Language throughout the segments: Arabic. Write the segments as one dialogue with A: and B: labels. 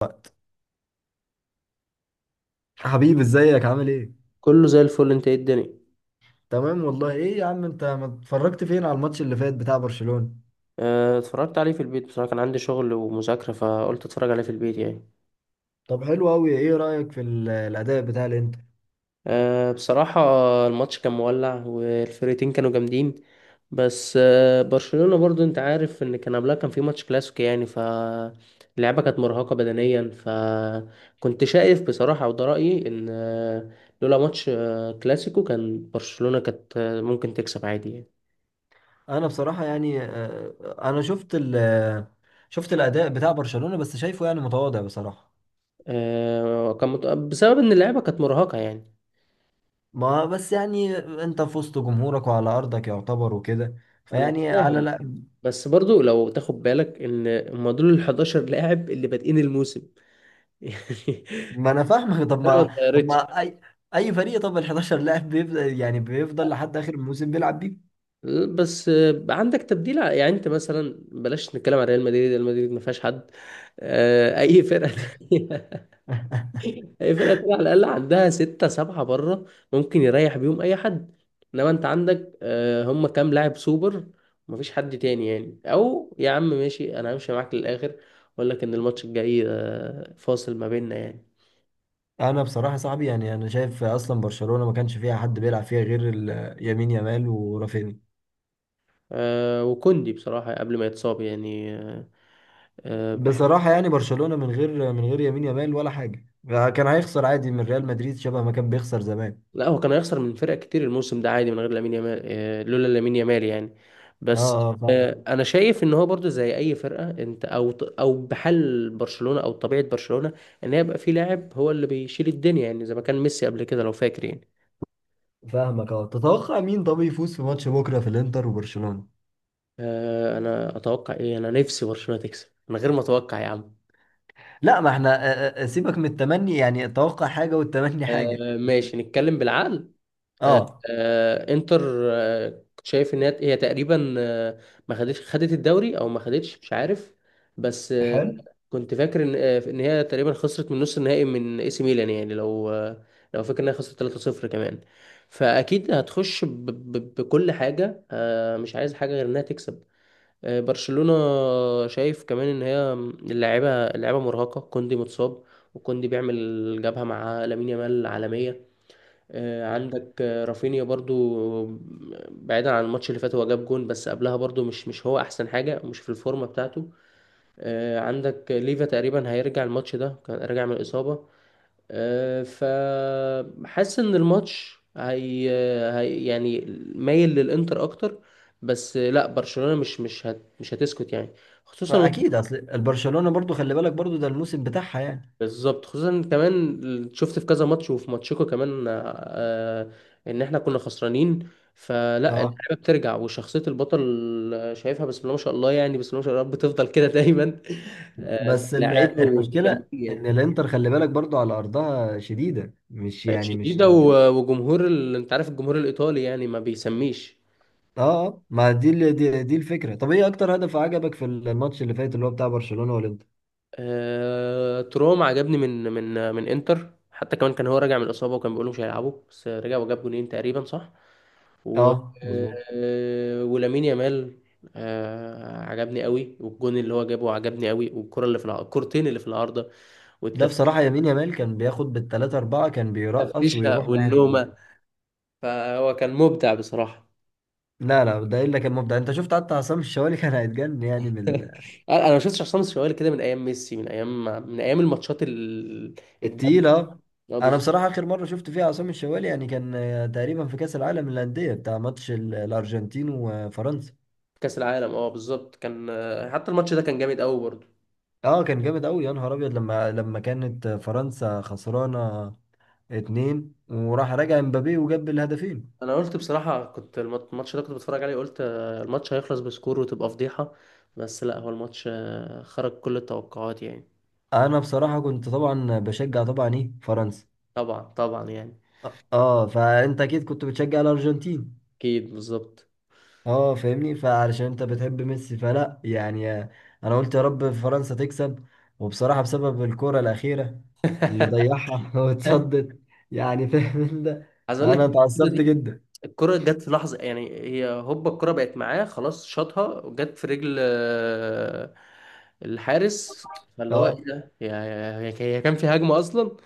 A: وقت. حبيبي ازيك عامل ايه؟
B: كله زي الفل، انت ايه الدنيا؟
A: تمام والله. ايه يا عم انت ما اتفرجت فين على الماتش اللي فات بتاع برشلونة؟
B: اه، اتفرجت عليه في البيت، بصراحة كان عندي شغل ومذاكرة فقلت اتفرج عليه في البيت يعني.
A: طب حلو قوي. ايه رأيك في الاداء بتاع الانتر؟
B: اه، بصراحة الماتش كان مولع والفرقتين كانوا جامدين. بس برشلونة برضو انت عارف ان كان قبلها كان في ماتش كلاسيكو يعني، فاللعبة كانت مرهقة بدنيا، فكنت شايف بصراحة وده رأيي ان لولا ماتش كلاسيكو كان برشلونة كانت ممكن تكسب عادي يعني.
A: انا بصراحة يعني انا شفت الاداء بتاع برشلونة بس شايفه يعني متواضع بصراحة.
B: اه، بسبب ان اللعبة كانت مرهقة يعني.
A: ما بس يعني انت في وسط جمهورك وعلى ارضك يعتبر وكده،
B: انا
A: فيعني على
B: فاهم،
A: لا.
B: بس برضو لو تاخد بالك ان هم دول ال 11 لاعب اللي بادئين الموسم يعني.
A: ما انا فاهمك طب
B: انا ما
A: ما طب
B: اتغيرتش،
A: ما اي اي فريق، طب ال 11 لاعب بيفضل يعني بيفضل لحد اخر الموسم بيلعب بيه.
B: بس عندك تبديل يعني انت مثلا بلاش نتكلم عن ريال مدريد ما فيهاش حد. اي فرقه تانية. اي فرقه تانية على الاقل عندها ستة سبعة بره، ممكن يريح بيهم اي حد، انما انت عندك هم كام لاعب سوبر، ما فيش حد تاني يعني. او يا عم ماشي، انا همشي معاك للاخر، اقول لك ان الماتش الجاي فاصل ما بيننا يعني.
A: انا بصراحه يا صاحبي يعني انا شايف اصلا برشلونه ما كانش فيها حد بيلعب فيها غير يمين يامال ورافينيا.
B: وكوندي بصراحة قبل ما يتصاب يعني بحب.
A: بصراحه يعني برشلونه من غير يمين يامال ولا حاجه، كان هيخسر عادي من ريال مدريد شبه ما كان بيخسر زمان.
B: لا هو كان هيخسر من فرق كتير الموسم ده عادي من غير لامين يامال، لولا لامين يامال يعني.
A: اه.
B: بس
A: اه فاهم.
B: انا شايف ان هو برضو زي اي فرقة انت، او بحال برشلونة طبيعة برشلونة، ان يبقى في لاعب هو اللي بيشيل الدنيا، يعني زي ما كان ميسي قبل كده لو فاكر يعني.
A: فاهمك اه. تتوقع مين طب يفوز في ماتش بكره في الانتر وبرشلونه؟
B: انا اتوقع ايه؟ انا نفسي برشلونة تكسب من غير ما اتوقع يا عم.
A: لا ما احنا سيبك من التمني، يعني التوقع حاجه والتمني حاجه.
B: ماشي نتكلم بالعقل. آه،
A: اه.
B: انتر، كنت شايف ان هي تقريبا، ما خدتش خدت الدوري او ما خدتش مش عارف، بس
A: حلو.
B: كنت فاكر ان ان هي تقريبا خسرت من نص النهائي من اي سي ميلان يعني، لو لو فاكر انها خسرت 3-0 كمان، فاكيد هتخش بكل حاجه، مش عايز حاجه غير انها تكسب، برشلونه. شايف كمان ان هي اللاعيبه مرهقه، كوندي متصاب، وكوندي بيعمل جبهه مع لامين يامال عالميه. عندك رافينيا برضو، بعيدا عن الماتش اللي فات هو جاب جون، بس قبلها برضو مش هو احسن حاجة، مش في الفورمة بتاعته. عندك ليفا تقريبا هيرجع، الماتش ده كان راجع من الإصابة. فحاسس ان الماتش هي يعني مايل للإنتر اكتر. بس لا برشلونة مش هتسكت يعني، خصوصا.
A: اكيد اصل البرشلونه برضو خلي بالك برضو ده الموسم بتاعها يعني.
B: بالظبط، خصوصا كمان شفت في كذا ماتش وفي ماتشكو كمان آه، ان احنا كنا خسرانين، فلا.
A: اه
B: اللعيبه بترجع وشخصيه البطل، شايفها بسم الله ما شاء الله يعني، بسم الله ما شاء الله رب تفضل كده دايما. في
A: بس
B: اللعيبه
A: المشكلة ان
B: ومكملين.
A: الانتر خلي بالك برضو على ارضها شديدة، مش
B: يعني
A: يعني مش
B: شديده
A: اه.
B: وجمهور انت عارف الجمهور الايطالي يعني ما بيسميش.
A: ما دي دي الفكرة. طب ايه اكتر هدف عجبك في الماتش اللي فات اللي هو بتاع برشلونة والانتر؟
B: تروم عجبني من انتر، حتى كمان كان هو راجع من الاصابه وكان بيقولوا مش هيلعبوا، بس رجع وجاب جونين تقريبا صح. و
A: اه مظبوط.
B: ولامين يامال عجبني قوي، والجون اللي هو جابه عجبني قوي، والكره اللي في الكرتين اللي في العارضه
A: ده بصراحة يمين يامال كان بياخد بالتلاتة أربعة كان بيرقص
B: والتفريشه
A: ويروح ناحية الجول.
B: والنومه، فهو كان مبدع بصراحه.
A: لا لا ده إلا كان مبدع. أنت شفت حتى عصام الشوالي كان هيتجن يعني من
B: انا ما شفتش عصام الشوالي كده من ايام ميسي، من ايام، من ايام الماتشات
A: التقيل
B: الجامده.
A: اه.
B: اه
A: أنا
B: بالظبط.
A: بصراحة آخر مرة شفت فيها عصام الشوالي يعني كان، تقريبا في كأس العالم للأندية بتاع ماتش الأرجنتين وفرنسا.
B: كاس العالم اه بالظبط كان حتى الماتش ده كان جامد قوي برضه.
A: اه كان جامد قوي يا نهار ابيض، لما كانت فرنسا خسرانه اتنين وراح راجع امبابي وجاب الهدفين.
B: انا قلت بصراحه كنت الماتش ده كنت بتفرج عليه قلت الماتش هيخلص بسكور وتبقى فضيحه، بس لا هو الماتش خرج كل التوقعات يعني.
A: انا بصراحه كنت طبعا بشجع طبعا ايه فرنسا.
B: طبعا طبعا يعني.
A: اه، فانت اكيد كنت بتشجع الارجنتين.
B: اكيد بالظبط.
A: اه فاهمني، فعلشان انت بتحب ميسي فلا يعني. انا قلت يا رب فرنسا تكسب، وبصراحه بسبب الكره الاخيره اللي ضيعها واتصدت، يعني فاهم انت.
B: عايز اقول لك
A: انا
B: الكره
A: اتعصبت
B: دي،
A: جدا.
B: الكره جت في لحظه يعني، هي هوبا الكره بقت معاه خلاص شاطها وجت في رجل الحارس، فاللي هو
A: اه
B: ايه ده، هي كان في هجمه اصلا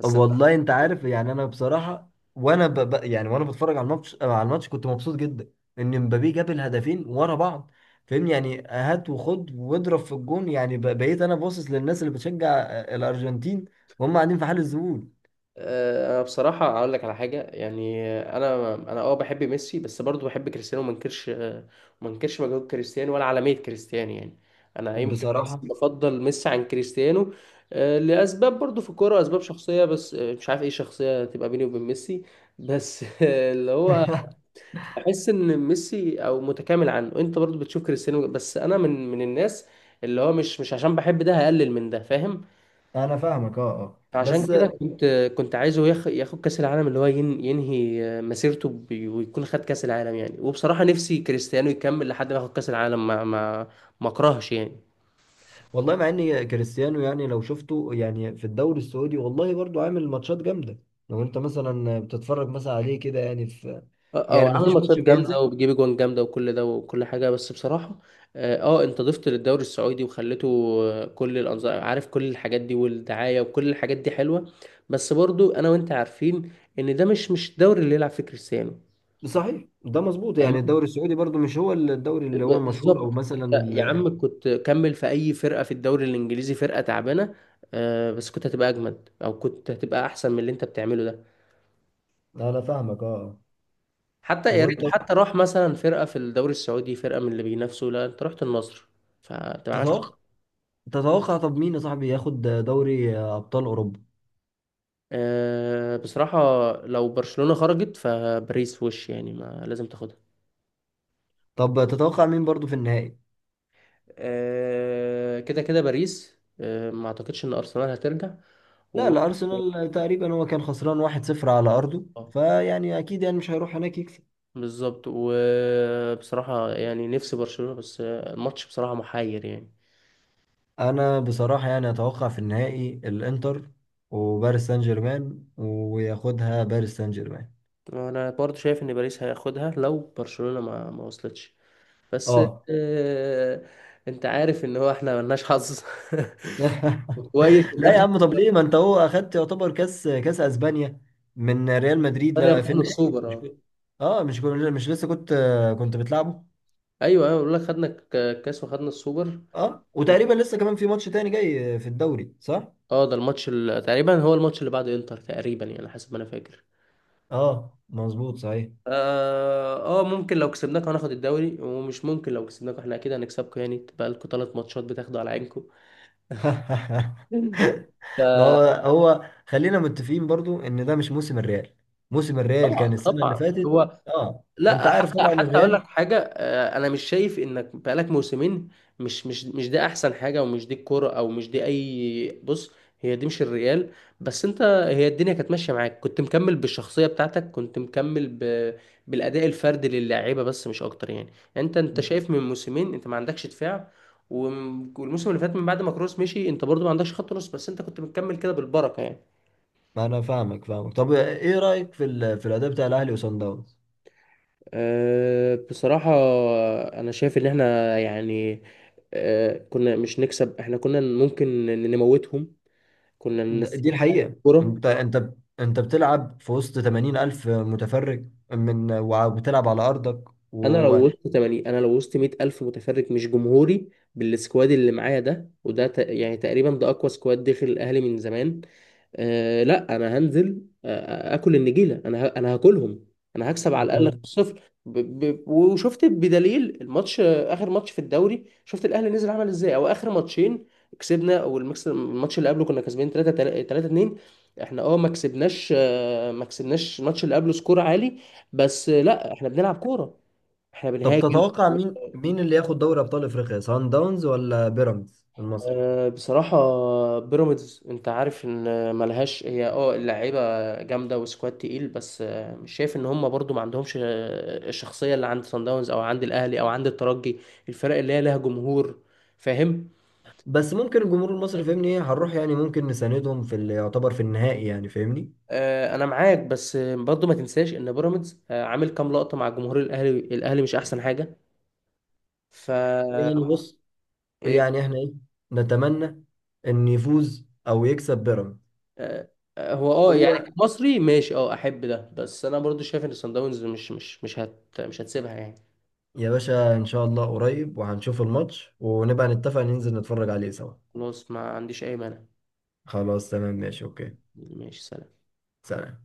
B: بس.
A: والله انت عارف يعني انا بصراحه، يعني وانا بتفرج على الماتش آه، على الماتش كنت مبسوط جدا ان مبابي جاب الهدفين ورا بعض. فاهمني يعني هات وخد واضرب في الجون، بقيت انا باصص للناس اللي بتشجع الارجنتين وهم قاعدين في حال الذهول.
B: انا بصراحه اقول لك على حاجه يعني، انا اه بحب ميسي، بس برضو بحب كريستيانو وما انكرش، ما انكرش مجهود كريستيانو ولا عالميه كريستيانو يعني. انا يمكن بس
A: بصراحه.
B: بفضل ميسي عن كريستيانو، لاسباب برضو في الكوره، اسباب شخصيه بس مش عارف ايه شخصيه تبقى بيني وبين ميسي بس اللي هو بحس ان ميسي او متكامل عنه، انت برضو بتشوف كريستيانو، بس انا من الناس اللي هو مش عشان بحب ده هقلل من ده فاهم.
A: انا فاهمك اه اه
B: فعشان
A: بس
B: كده كنت عايزه ياخد كأس العالم، اللي هو ينهي مسيرته ويكون خد كأس العالم يعني. وبصراحة نفسي كريستيانو يكمل لحد ما ياخد كأس العالم ما اكرهش يعني.
A: والله مع ان كريستيانو يعني لو شفته يعني في الدوري السعودي والله برضو عامل ماتشات جامده. لو انت مثلا بتتفرج مثلا عليه كده يعني في،
B: اه
A: يعني
B: هو عامل
A: مفيش
B: ماتشات
A: ماتش بينزل.
B: جامدة وبيجيب اجوان جامدة وكل ده وكل حاجة، بس بصراحة اه انت ضفت للدوري السعودي وخليته كل الانظار، عارف كل الحاجات دي والدعاية وكل الحاجات دي حلوة، بس برضو انا وانت عارفين ان ده مش الدوري اللي يلعب فيه كريستيانو.
A: صحيح ده مظبوط. يعني الدوري السعودي برضو مش هو الدوري اللي هو المشهور او
B: بالظبط،
A: مثلا
B: أنت يا عم كنت كمل في اي فرقه في الدوري الانجليزي، فرقه تعبانه بس كنت هتبقى اجمد، او كنت هتبقى احسن من اللي انت بتعمله ده.
A: انا فاهمك اه.
B: حتى
A: طب
B: يا
A: وانت
B: ريت حتى راح مثلا فرقه في الدوري السعودي، فرقه من اللي بينافسوا، لا انت رحت النصر، فانت ما عملتش.
A: تتوقع، تتوقع طب مين يا صاحبي ياخد دوري ابطال اوروبا؟
B: بصراحه لو برشلونه خرجت، فباريس وش يعني، ما لازم تاخدها.
A: طب تتوقع مين برضو في النهائي؟
B: كده كده باريس، ما اعتقدش ان ارسنال هترجع
A: لا
B: و...
A: لا ارسنال تقريبا هو كان خسران 1-0 على ارضه فيعني اكيد يعني مش هيروح هناك يكسب.
B: بالظبط. وبصراحة يعني نفسي برشلونة، بس الماتش بصراحة محير يعني.
A: انا بصراحة يعني اتوقع في النهائي الانتر وباريس سان جيرمان، وياخدها باريس سان جيرمان.
B: أنا برضو شايف إن باريس هياخدها لو برشلونة ما وصلتش، بس
A: اه.
B: آه، أنت عارف إن هو إحنا ملناش حظ. كويس إن
A: لا يا
B: إحنا
A: عم طب ليه ما انت هو اخدت يعتبر كاس كاس اسبانيا من ريال مدريد؟
B: ثانية
A: لا في
B: خدنا
A: النهائي
B: السوبر.
A: مش
B: أه
A: كنت، اه مش كنت مش لسه كنت، كنت بتلعبه.
B: أيوه أيوه، بقول لك خدنا الكاس وخدنا السوبر.
A: اه وتقريبا لسه كمان في ماتش تاني جاي في الدوري صح؟
B: أه ده الماتش تقريبا هو الماتش اللي بعد إنتر تقريبا يعني، حسب ما أنا فاكر.
A: اه مظبوط صحيح.
B: اه ممكن لو كسبناك هناخد الدوري، ومش ممكن لو كسبناك احنا اكيد هنكسبكم يعني، تبقى لكم ثلاث ماتشات بتاخدوا على عينكم
A: ما هو هو خلينا متفقين برضو ان ده مش موسم الريال. موسم الريال كان
B: فطبعا
A: السنة اللي
B: طبعا.
A: فاتت.
B: هو
A: اه. انت
B: لا
A: عارف
B: حتى
A: طبعا
B: حتى اقول لك
A: الريال.
B: حاجه انا مش شايف انك بقالك موسمين، مش ده احسن حاجه، ومش دي الكوره، او مش دي اي، بص، هي دي مش الريال. بس انت، هي الدنيا كانت ماشيه معاك، كنت مكمل بالشخصيه بتاعتك، كنت مكمل بالاداء الفردي للاعيبه بس مش اكتر يعني. يعني انت شايف من موسمين انت ما عندكش دفاع، والموسم اللي فات من بعد ما كروس مشي انت برضو ما عندكش خط نص، بس انت كنت مكمل كده بالبركه يعني.
A: ما انا فاهمك. طب ايه رأيك في في الاداء بتاع الاهلي وصن داونز؟
B: أه، بصراحة أنا شايف إن إحنا يعني أه، كنا مش نكسب، إحنا كنا ممكن نموتهم، كنا
A: دي
B: ننسيهم على
A: الحقيقة.
B: الكورة.
A: انت انت بتلعب في وسط 80 ألف متفرج من وبتلعب على أرضك
B: انا لو وسط 80، انا لو وسط 100 الف متفرج مش جمهوري، بالسكواد اللي معايا ده وده يعني تقريبا ده اقوى سكواد داخل الاهلي من زمان. آه لا انا هنزل اكل النجيله، انا انا هاكلهم، انا هكسب على الاقل
A: و-
B: 5-0. وشفت بدليل الماتش اخر ماتش في الدوري، شفت الاهلي نزل عمل ازاي، او اخر ماتشين كسبنا، والمكس الماتش اللي قبله كنا كسبانين 3 3 2. احنا اه ما كسبناش ما كسبناش الماتش اللي قبله سكور عالي، بس لا احنا بنلعب كوره، احنا
A: طب
B: بنهاجم.
A: تتوقع مين مين اللي ياخد دوري أبطال أفريقيا، سان داونز ولا بيراميدز المصري؟
B: بصراحة بيراميدز انت عارف ان ملهاش هي اه اللعيبة جامدة وسكواد تقيل، بس مش شايف ان هم برضو ما عندهمش الشخصية اللي عند صن داونز او عند الاهلي او عند الترجي، الفرق اللي هي لها جمهور، فاهم.
A: بس ممكن الجمهور المصري فاهمني ايه هنروح يعني ممكن نساندهم في اللي يعتبر في النهائي، يعني فاهمني.
B: انا معاك، بس برضو ما تنساش ان بيراميدز عامل كام لقطة مع جمهور الاهلي، الاهلي مش احسن حاجة، ف
A: يعني بص،
B: إيه.
A: يعني احنا ايه، نتمنى ان يفوز او يكسب بيراميدز.
B: آه، هو اه يعني
A: هو
B: مصري ماشي، اه احب ده، بس انا برضو شايف ان صن داونز مش هتسيبها يعني.
A: يا باشا ان شاء الله قريب وهنشوف الماتش ونبقى نتفق ننزل نتفرج عليه سوا.
B: خلاص ما عنديش اي مانع.
A: خلاص تمام ماشي اوكي.
B: ماشي سلام.
A: سلام.